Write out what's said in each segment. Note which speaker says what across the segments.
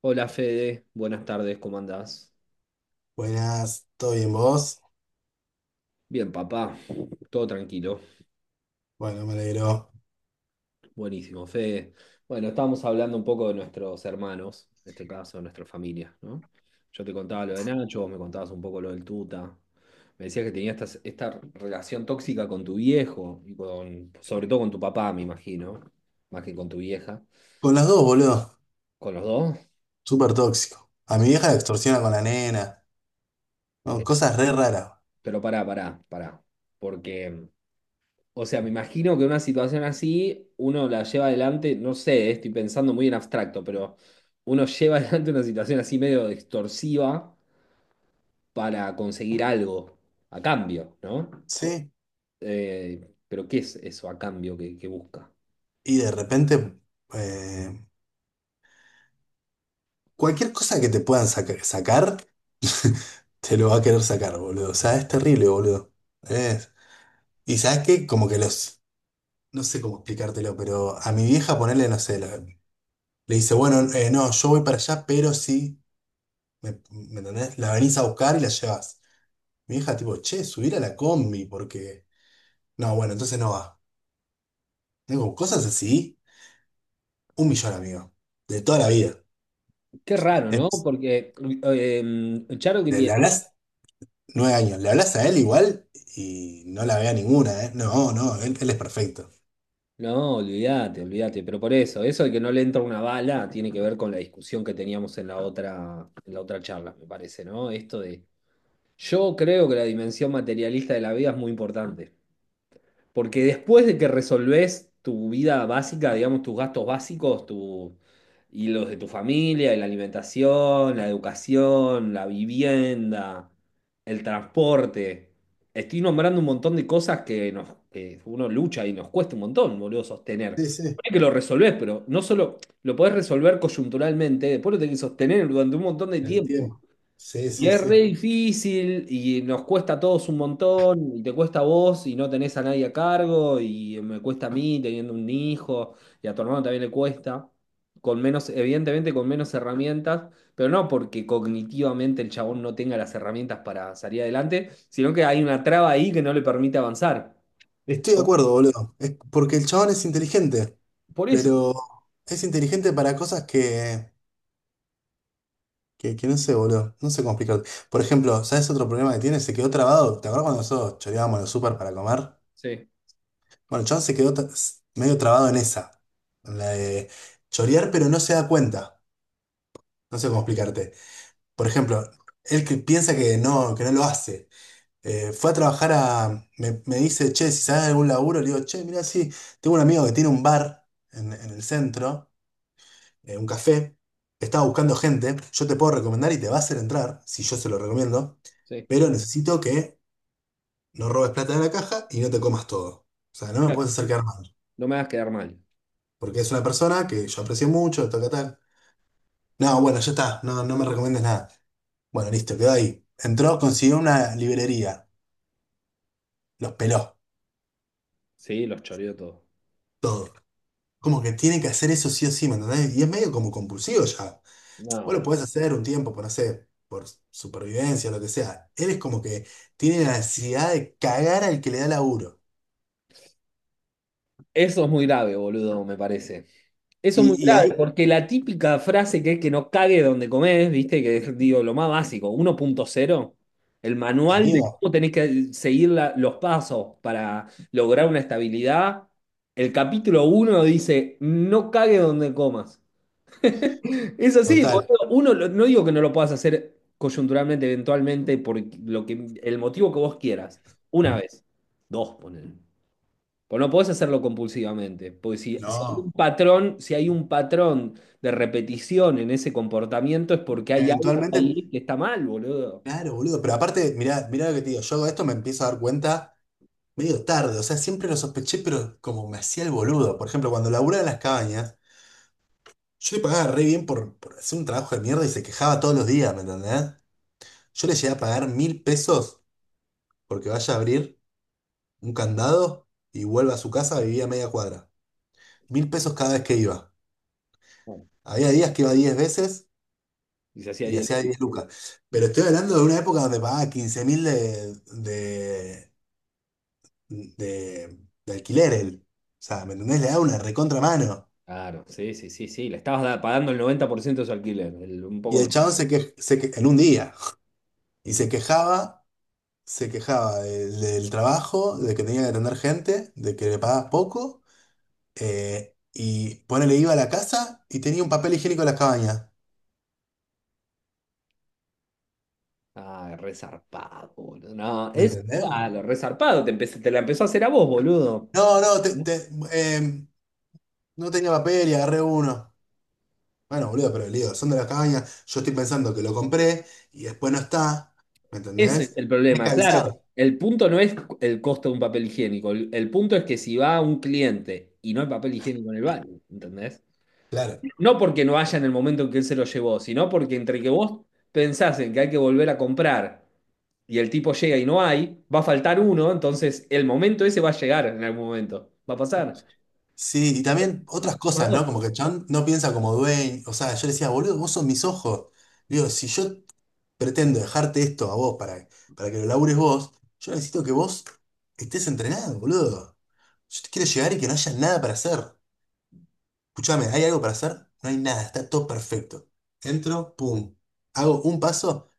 Speaker 1: Hola Fede, buenas tardes, ¿cómo andás?
Speaker 2: Buenas, ¿todo bien vos?
Speaker 1: Bien, papá, todo tranquilo.
Speaker 2: Bueno, me alegro.
Speaker 1: Buenísimo, Fede. Bueno, estábamos hablando un poco de nuestros hermanos, en este caso, de nuestra familia, ¿no? Yo te contaba lo de Nacho, vos me contabas un poco lo del Tuta. Me decías que tenías esta relación tóxica con tu viejo y con, sobre todo con tu papá, me imagino, más que con tu vieja,
Speaker 2: Con las dos, boludo.
Speaker 1: con los dos.
Speaker 2: Súper tóxico. A mi vieja la extorsiona con la nena. No,
Speaker 1: Eh,
Speaker 2: cosas re raras.
Speaker 1: Pero pará, porque o sea, me imagino que una situación así uno la lleva adelante, no sé, estoy pensando muy en abstracto, pero uno lleva adelante una situación así medio extorsiva para conseguir algo a cambio, ¿no?
Speaker 2: ¿Sí?
Speaker 1: Pero ¿qué es eso a cambio que busca?
Speaker 2: Y de repente, eh, cualquier cosa que te puedan sacar, te lo va a querer sacar, boludo. O sea, es terrible, boludo. Es- Y sabes qué, como que los. No sé cómo explicártelo, pero a mi vieja ponerle, no sé, le dice, bueno, no, yo voy para allá, pero sí, ¿me entendés? La venís a buscar y la llevas. Mi hija, tipo, che, subir a la combi, porque. No, bueno, entonces no va. Tengo cosas así, un millón, amigo. De toda la vida.
Speaker 1: Qué raro, ¿no?
Speaker 2: Entonces,
Speaker 1: Porque Charo que tiene...
Speaker 2: le hablas 9 años, le hablas a él igual y no la vea ninguna, ¿eh? No, no, él es perfecto.
Speaker 1: No, olvídate, olvídate, pero por eso, eso de que no le entra una bala tiene que ver con la discusión que teníamos en la otra charla, me parece, ¿no? Esto de yo creo que la dimensión materialista de la vida es muy importante, porque después de que resolvés tu vida básica, digamos, tus gastos básicos, tu, y los de tu familia, y la alimentación, la educación, la vivienda, el transporte, estoy nombrando un montón de cosas que, nos, que uno lucha y nos cuesta un montón, boludo, sostener.
Speaker 2: Sí, sí,
Speaker 1: Ponele que lo resolvés, pero no solo lo podés resolver coyunturalmente, después lo tenés que sostener durante un montón de
Speaker 2: el
Speaker 1: tiempo.
Speaker 2: tiempo. Sí,
Speaker 1: Y
Speaker 2: sí,
Speaker 1: es re
Speaker 2: sí.
Speaker 1: difícil y nos cuesta a todos un montón, y te cuesta a vos y no tenés a nadie a cargo, y me cuesta a mí teniendo un hijo, y a tu hermano también le cuesta, con menos, evidentemente con menos herramientas, pero no porque cognitivamente el chabón no tenga las herramientas para salir adelante, sino que hay una traba ahí que no le permite avanzar.
Speaker 2: Estoy de
Speaker 1: ¿No?
Speaker 2: acuerdo, boludo. Es porque el chabón es inteligente,
Speaker 1: Por eso.
Speaker 2: pero es inteligente para cosas que no sé, boludo. No sé cómo explicar. Por ejemplo, ¿sabes otro problema que tiene? Se quedó trabado. ¿Te acuerdas cuando nosotros choreábamos en el súper para comer?
Speaker 1: Sí,
Speaker 2: Bueno, el chabón se quedó medio trabado en esa, en la de chorear, pero no se da cuenta. No sé cómo explicarte. Por ejemplo, él que piensa que no lo hace. Fue a trabajar a. Me dice, che, si sabes de algún laburo, le digo, che, mira, sí, tengo un amigo que tiene un bar en el centro, un café, estaba buscando gente, yo te puedo recomendar y te va a hacer entrar, si yo se lo recomiendo,
Speaker 1: sí.
Speaker 2: pero necesito que no robes plata de la caja y no te comas todo. O sea, no me
Speaker 1: Claro,
Speaker 2: puedes acercar mal,
Speaker 1: no me hagas quedar mal.
Speaker 2: porque es una persona que yo aprecio mucho, tal, tal, tal. No, bueno, ya está, no, no me recomiendes nada. Bueno, listo, quedó ahí. Entró, consiguió una librería, los peló,
Speaker 1: Sí, los choreo todo.
Speaker 2: todo. Como que tiene que hacer eso sí o sí, ¿me entendés? Y es medio como compulsivo ya. Vos lo
Speaker 1: No,
Speaker 2: podés hacer un tiempo, por no sé, por supervivencia, lo que sea. Él es como que tiene la necesidad de cagar al que le da laburo.
Speaker 1: eso es muy grave, boludo, me parece. Eso es muy
Speaker 2: Y
Speaker 1: grave,
Speaker 2: ahí,
Speaker 1: porque la típica frase que es que no cague donde comés, viste, que es, digo, lo más básico, uno punto cero, el manual de
Speaker 2: amigo,
Speaker 1: cómo tenés que seguir la- los pasos para lograr una estabilidad. El capítulo uno dice, no cague donde comas. Es así,
Speaker 2: total,
Speaker 1: boludo. Uno, lo- no digo que no lo puedas hacer coyunturalmente, eventualmente, por lo que, el motivo que vos quieras. Una vez, dos, ponele. Pues no podés hacerlo compulsivamente, porque si hay un
Speaker 2: no.
Speaker 1: patrón, si hay un patrón de repetición en ese comportamiento es porque hay algo
Speaker 2: Eventualmente,
Speaker 1: ahí que está mal, boludo.
Speaker 2: claro, boludo. Pero aparte, mirá, mirá lo que te digo, yo hago esto me empiezo a dar cuenta medio tarde, o sea, siempre lo sospeché, pero como me hacía el boludo. Por ejemplo, cuando laburaba en las cabañas, yo le pagaba re bien por hacer un trabajo de mierda y se quejaba todos los días, ¿me entendés? Yo le llegué a pagar 1000 pesos porque vaya a abrir un candado y vuelva a su casa, vivía a media cuadra. 1000 pesos cada vez que iba.
Speaker 1: Bueno,
Speaker 2: Había días que iba 10 veces
Speaker 1: y se hacía
Speaker 2: y
Speaker 1: ahí
Speaker 2: le
Speaker 1: el-
Speaker 2: hacía 10 lucas. Pero estoy hablando de una época donde pagaba 15.000 de, de alquiler él. O sea, ¿me entendés? Le daba una recontra mano.
Speaker 1: claro, sí, sí, sí, sí. Le estabas da- pagando el 90% de su alquiler, el- un
Speaker 2: Y
Speaker 1: poco
Speaker 2: el
Speaker 1: menos.
Speaker 2: chabón en un día, y
Speaker 1: Un día.
Speaker 2: se quejaba del trabajo, de que tenía que atender gente, de que le pagaba poco, y ponele, iba a la casa y tenía un papel higiénico en la cabaña.
Speaker 1: Ah, resarpado, boludo. No,
Speaker 2: ¿Me
Speaker 1: es
Speaker 2: entendés?
Speaker 1: claro, resarpado, te empecé- te la empezó a hacer a vos, boludo.
Speaker 2: No, no, no tenía papel y agarré uno. Bueno, boludo, pero el lío, son de la cabaña yo estoy pensando que lo compré y después no está. ¿Me
Speaker 1: Ese es
Speaker 2: entendés?
Speaker 1: el
Speaker 2: Tenés que
Speaker 1: problema, claro. Porque
Speaker 2: avisar.
Speaker 1: el punto no es el costo de un papel higiénico, el punto es que si va un cliente y no hay papel higiénico en el baño, ¿entendés?
Speaker 2: Claro.
Speaker 1: No porque no haya en el momento en que él se lo llevó, sino porque entre que vos pensás en que hay que volver a comprar y el tipo llega y no hay, va a faltar uno, entonces el momento ese va a llegar en algún momento, va a pasar.
Speaker 2: Sí, y también otras cosas, ¿no? Como que el chabón no piensa como dueño. O sea, yo le decía, boludo, vos sos mis ojos. Digo, si yo pretendo dejarte esto a vos para que lo labures vos, yo necesito que vos estés entrenado, boludo. Yo te quiero llegar y que no haya nada para hacer. Escuchame, ¿hay algo para hacer? No hay nada, está todo perfecto. Entro, pum. Hago un paso,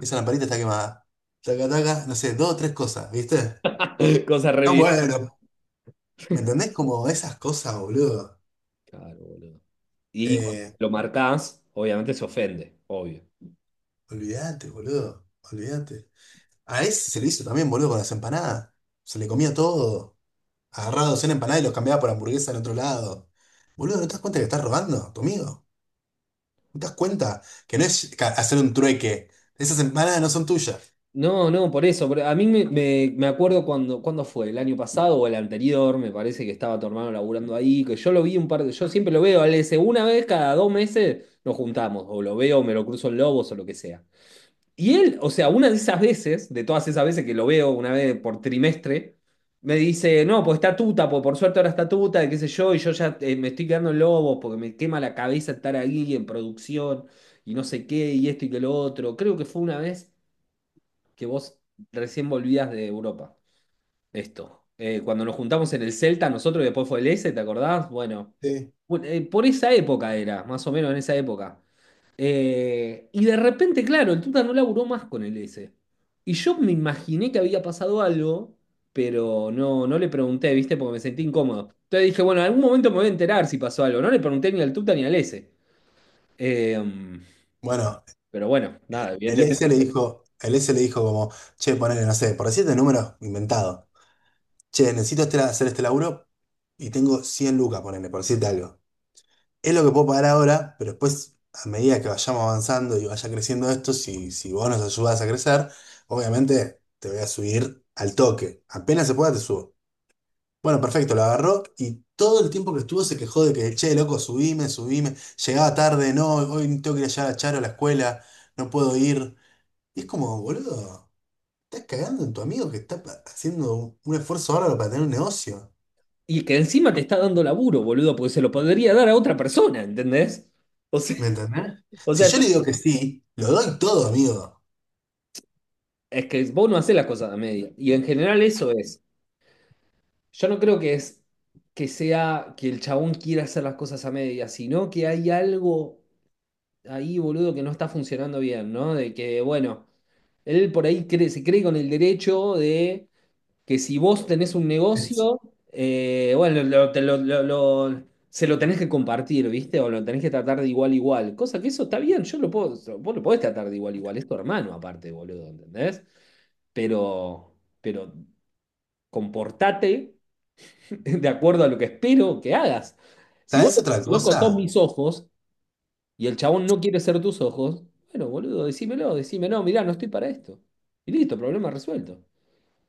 Speaker 2: esa lamparita está quemada. Taca, taca, no sé, 2 o 3 cosas, ¿viste?
Speaker 1: Cosa re
Speaker 2: Ah,
Speaker 1: evidente.
Speaker 2: bueno. ¿Me entendés? Como esas cosas, boludo.
Speaker 1: Claro, boludo. Y cuando
Speaker 2: Eh,
Speaker 1: lo marcás, obviamente se ofende, obvio.
Speaker 2: Olvídate, boludo. Olvídate. A ese se le hizo también, boludo, con las empanadas. Se le comía todo. Agarraba docena empanadas y los cambiaba por hamburguesa en otro lado. Boludo, ¿no te das cuenta que estás robando a tu amigo? ¿No te das cuenta que no es hacer un trueque? Esas empanadas no son tuyas.
Speaker 1: No, no, por eso. Por- a mí me, me- me acuerdo cuando, cuando fue, el año pasado o el anterior, me parece que estaba tu hermano laburando ahí, que yo lo vi un par de, yo siempre lo veo, al ese, una vez cada dos meses nos juntamos, o lo veo, me lo cruzo en Lobos o lo que sea. Y él, o sea, una de esas veces, de todas esas veces que lo veo una vez por trimestre, me dice, no, pues está tuta, pues por suerte ahora está tuta, y qué sé yo, y yo ya me estoy quedando en Lobos porque me quema la cabeza estar ahí en producción y no sé qué, y esto y que lo otro. Creo que fue una vez que vos recién volvías de Europa. Esto. Cuando nos juntamos en el Celta, nosotros, y después fue el S, ¿te acordás? Bueno,
Speaker 2: Sí.
Speaker 1: bu- por esa época era, más o menos en esa época. Y de repente, claro, el Tuta no laburó más con el S. Y yo me imaginé que había pasado algo, pero no, no le pregunté, ¿viste? Porque me sentí incómodo. Entonces dije, bueno, en algún momento me voy a enterar si pasó algo. No le pregunté ni al Tuta ni al S. Eh,
Speaker 2: Bueno,
Speaker 1: pero bueno, nada,
Speaker 2: el S le
Speaker 1: evidentemente
Speaker 2: dijo, el S le dijo como, che, ponele, no sé, por decirte números inventado. Che, necesito hacer este laburo y tengo 100 lucas, ponele, por decirte algo. Es lo que puedo pagar ahora, pero después, a medida que vayamos avanzando y vaya creciendo esto, si vos nos ayudas a crecer, obviamente te voy a subir al toque. Apenas se pueda, te subo. Bueno, perfecto, lo agarró y todo el tiempo que estuvo se quejó de que, che, loco, subime, subime. Llegaba tarde, no, hoy tengo que ir allá a Charo a la escuela, no puedo ir. Y es como, boludo, estás cagando en tu amigo que está haciendo un esfuerzo bárbaro para tener un negocio.
Speaker 1: y que encima te está dando laburo, boludo, porque se lo podría dar a otra persona, ¿entendés? O sea,
Speaker 2: ¿Me entendés?
Speaker 1: o
Speaker 2: Si
Speaker 1: sea,
Speaker 2: yo
Speaker 1: yo,
Speaker 2: le digo que sí, lo doy todo, amigo.
Speaker 1: es que vos no hacés las cosas a media. Y en general eso es. Yo no creo que es que sea que el chabón quiera hacer las cosas a media, sino que hay algo ahí, boludo, que no está funcionando bien, ¿no? De que, bueno, él por ahí cree, se cree con el derecho de que si vos tenés un negocio, bueno, lo- te lo- se lo tenés que compartir, ¿viste? O lo tenés que tratar de igual a igual. Cosa que eso está bien, yo lo puedo, so, vos lo podés tratar de igual a igual, es tu hermano aparte, boludo, ¿entendés? Pero, pero comportate de acuerdo a lo que espero que hagas. Si vos,
Speaker 2: ¿Sabés otra
Speaker 1: loco, sos
Speaker 2: cosa?
Speaker 1: mis ojos y el chabón no quiere ser tus ojos, bueno, boludo, decímelo, decímelo, "No, mirá, no estoy para esto. Y listo, problema resuelto.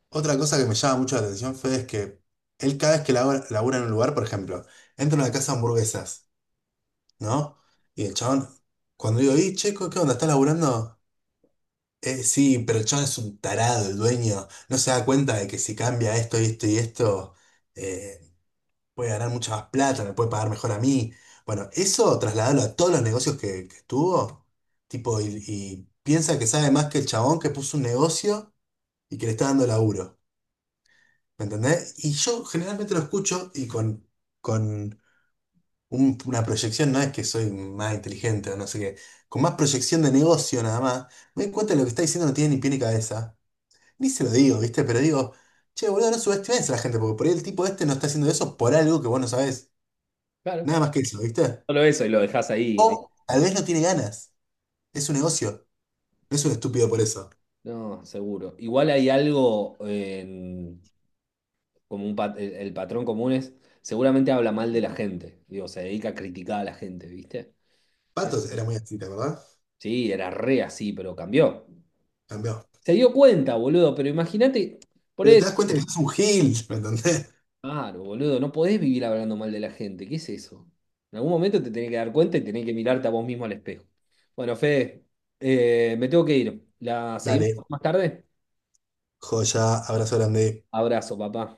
Speaker 2: Otra cosa que me llama mucho la atención, Fede, es que él cada vez que labura, labura en un lugar, por ejemplo, entra a una casa de hamburguesas, ¿no? Y el chabón, cuando digo, y checo, ¿qué onda? ¿Estás laburando? " sí, pero el chabón es un tarado, el dueño. No se da cuenta de que si cambia esto y esto y esto, eh, puede ganar mucha más plata, me puede pagar mejor a mí. Bueno, eso trasladarlo a todos los negocios que estuvo, tipo, y piensa que sabe más que el chabón que puso un negocio y que le está dando laburo. ¿Me entendés? Y yo generalmente lo escucho y con una proyección, no es que soy más inteligente o no sé qué, con más proyección de negocio nada más, me doy cuenta de lo que está diciendo no tiene ni pie ni cabeza. Ni se lo digo, ¿viste? Pero digo, che, boludo, no subestimes a la gente, porque por ahí el tipo este no está haciendo eso por algo que vos no sabés.
Speaker 1: Claro.
Speaker 2: Nada más que eso, ¿viste?
Speaker 1: Solo eso y lo dejás ahí,
Speaker 2: O tal vez no tiene ganas. Es un negocio. No es un estúpido por eso.
Speaker 1: no, seguro. Igual hay algo en como un pat- el patrón común es, seguramente habla mal de la gente. Digo, se dedica a criticar a la gente, ¿viste? Es-
Speaker 2: Patos era muy así, ¿te acordás?
Speaker 1: sí, era re así, pero cambió.
Speaker 2: Cambió.
Speaker 1: Se dio cuenta, boludo, pero imagínate, por
Speaker 2: Pero
Speaker 1: eso,
Speaker 2: te das cuenta que es un gil, ¿me entendés?
Speaker 1: claro, boludo, no podés vivir hablando mal de la gente. ¿Qué es eso? En algún momento te tenés que dar cuenta y tenés que mirarte a vos mismo al espejo. Bueno, Fede, me tengo que ir. ¿La seguimos
Speaker 2: Dale,
Speaker 1: más tarde?
Speaker 2: joya, abrazo grande.
Speaker 1: Abrazo, papá.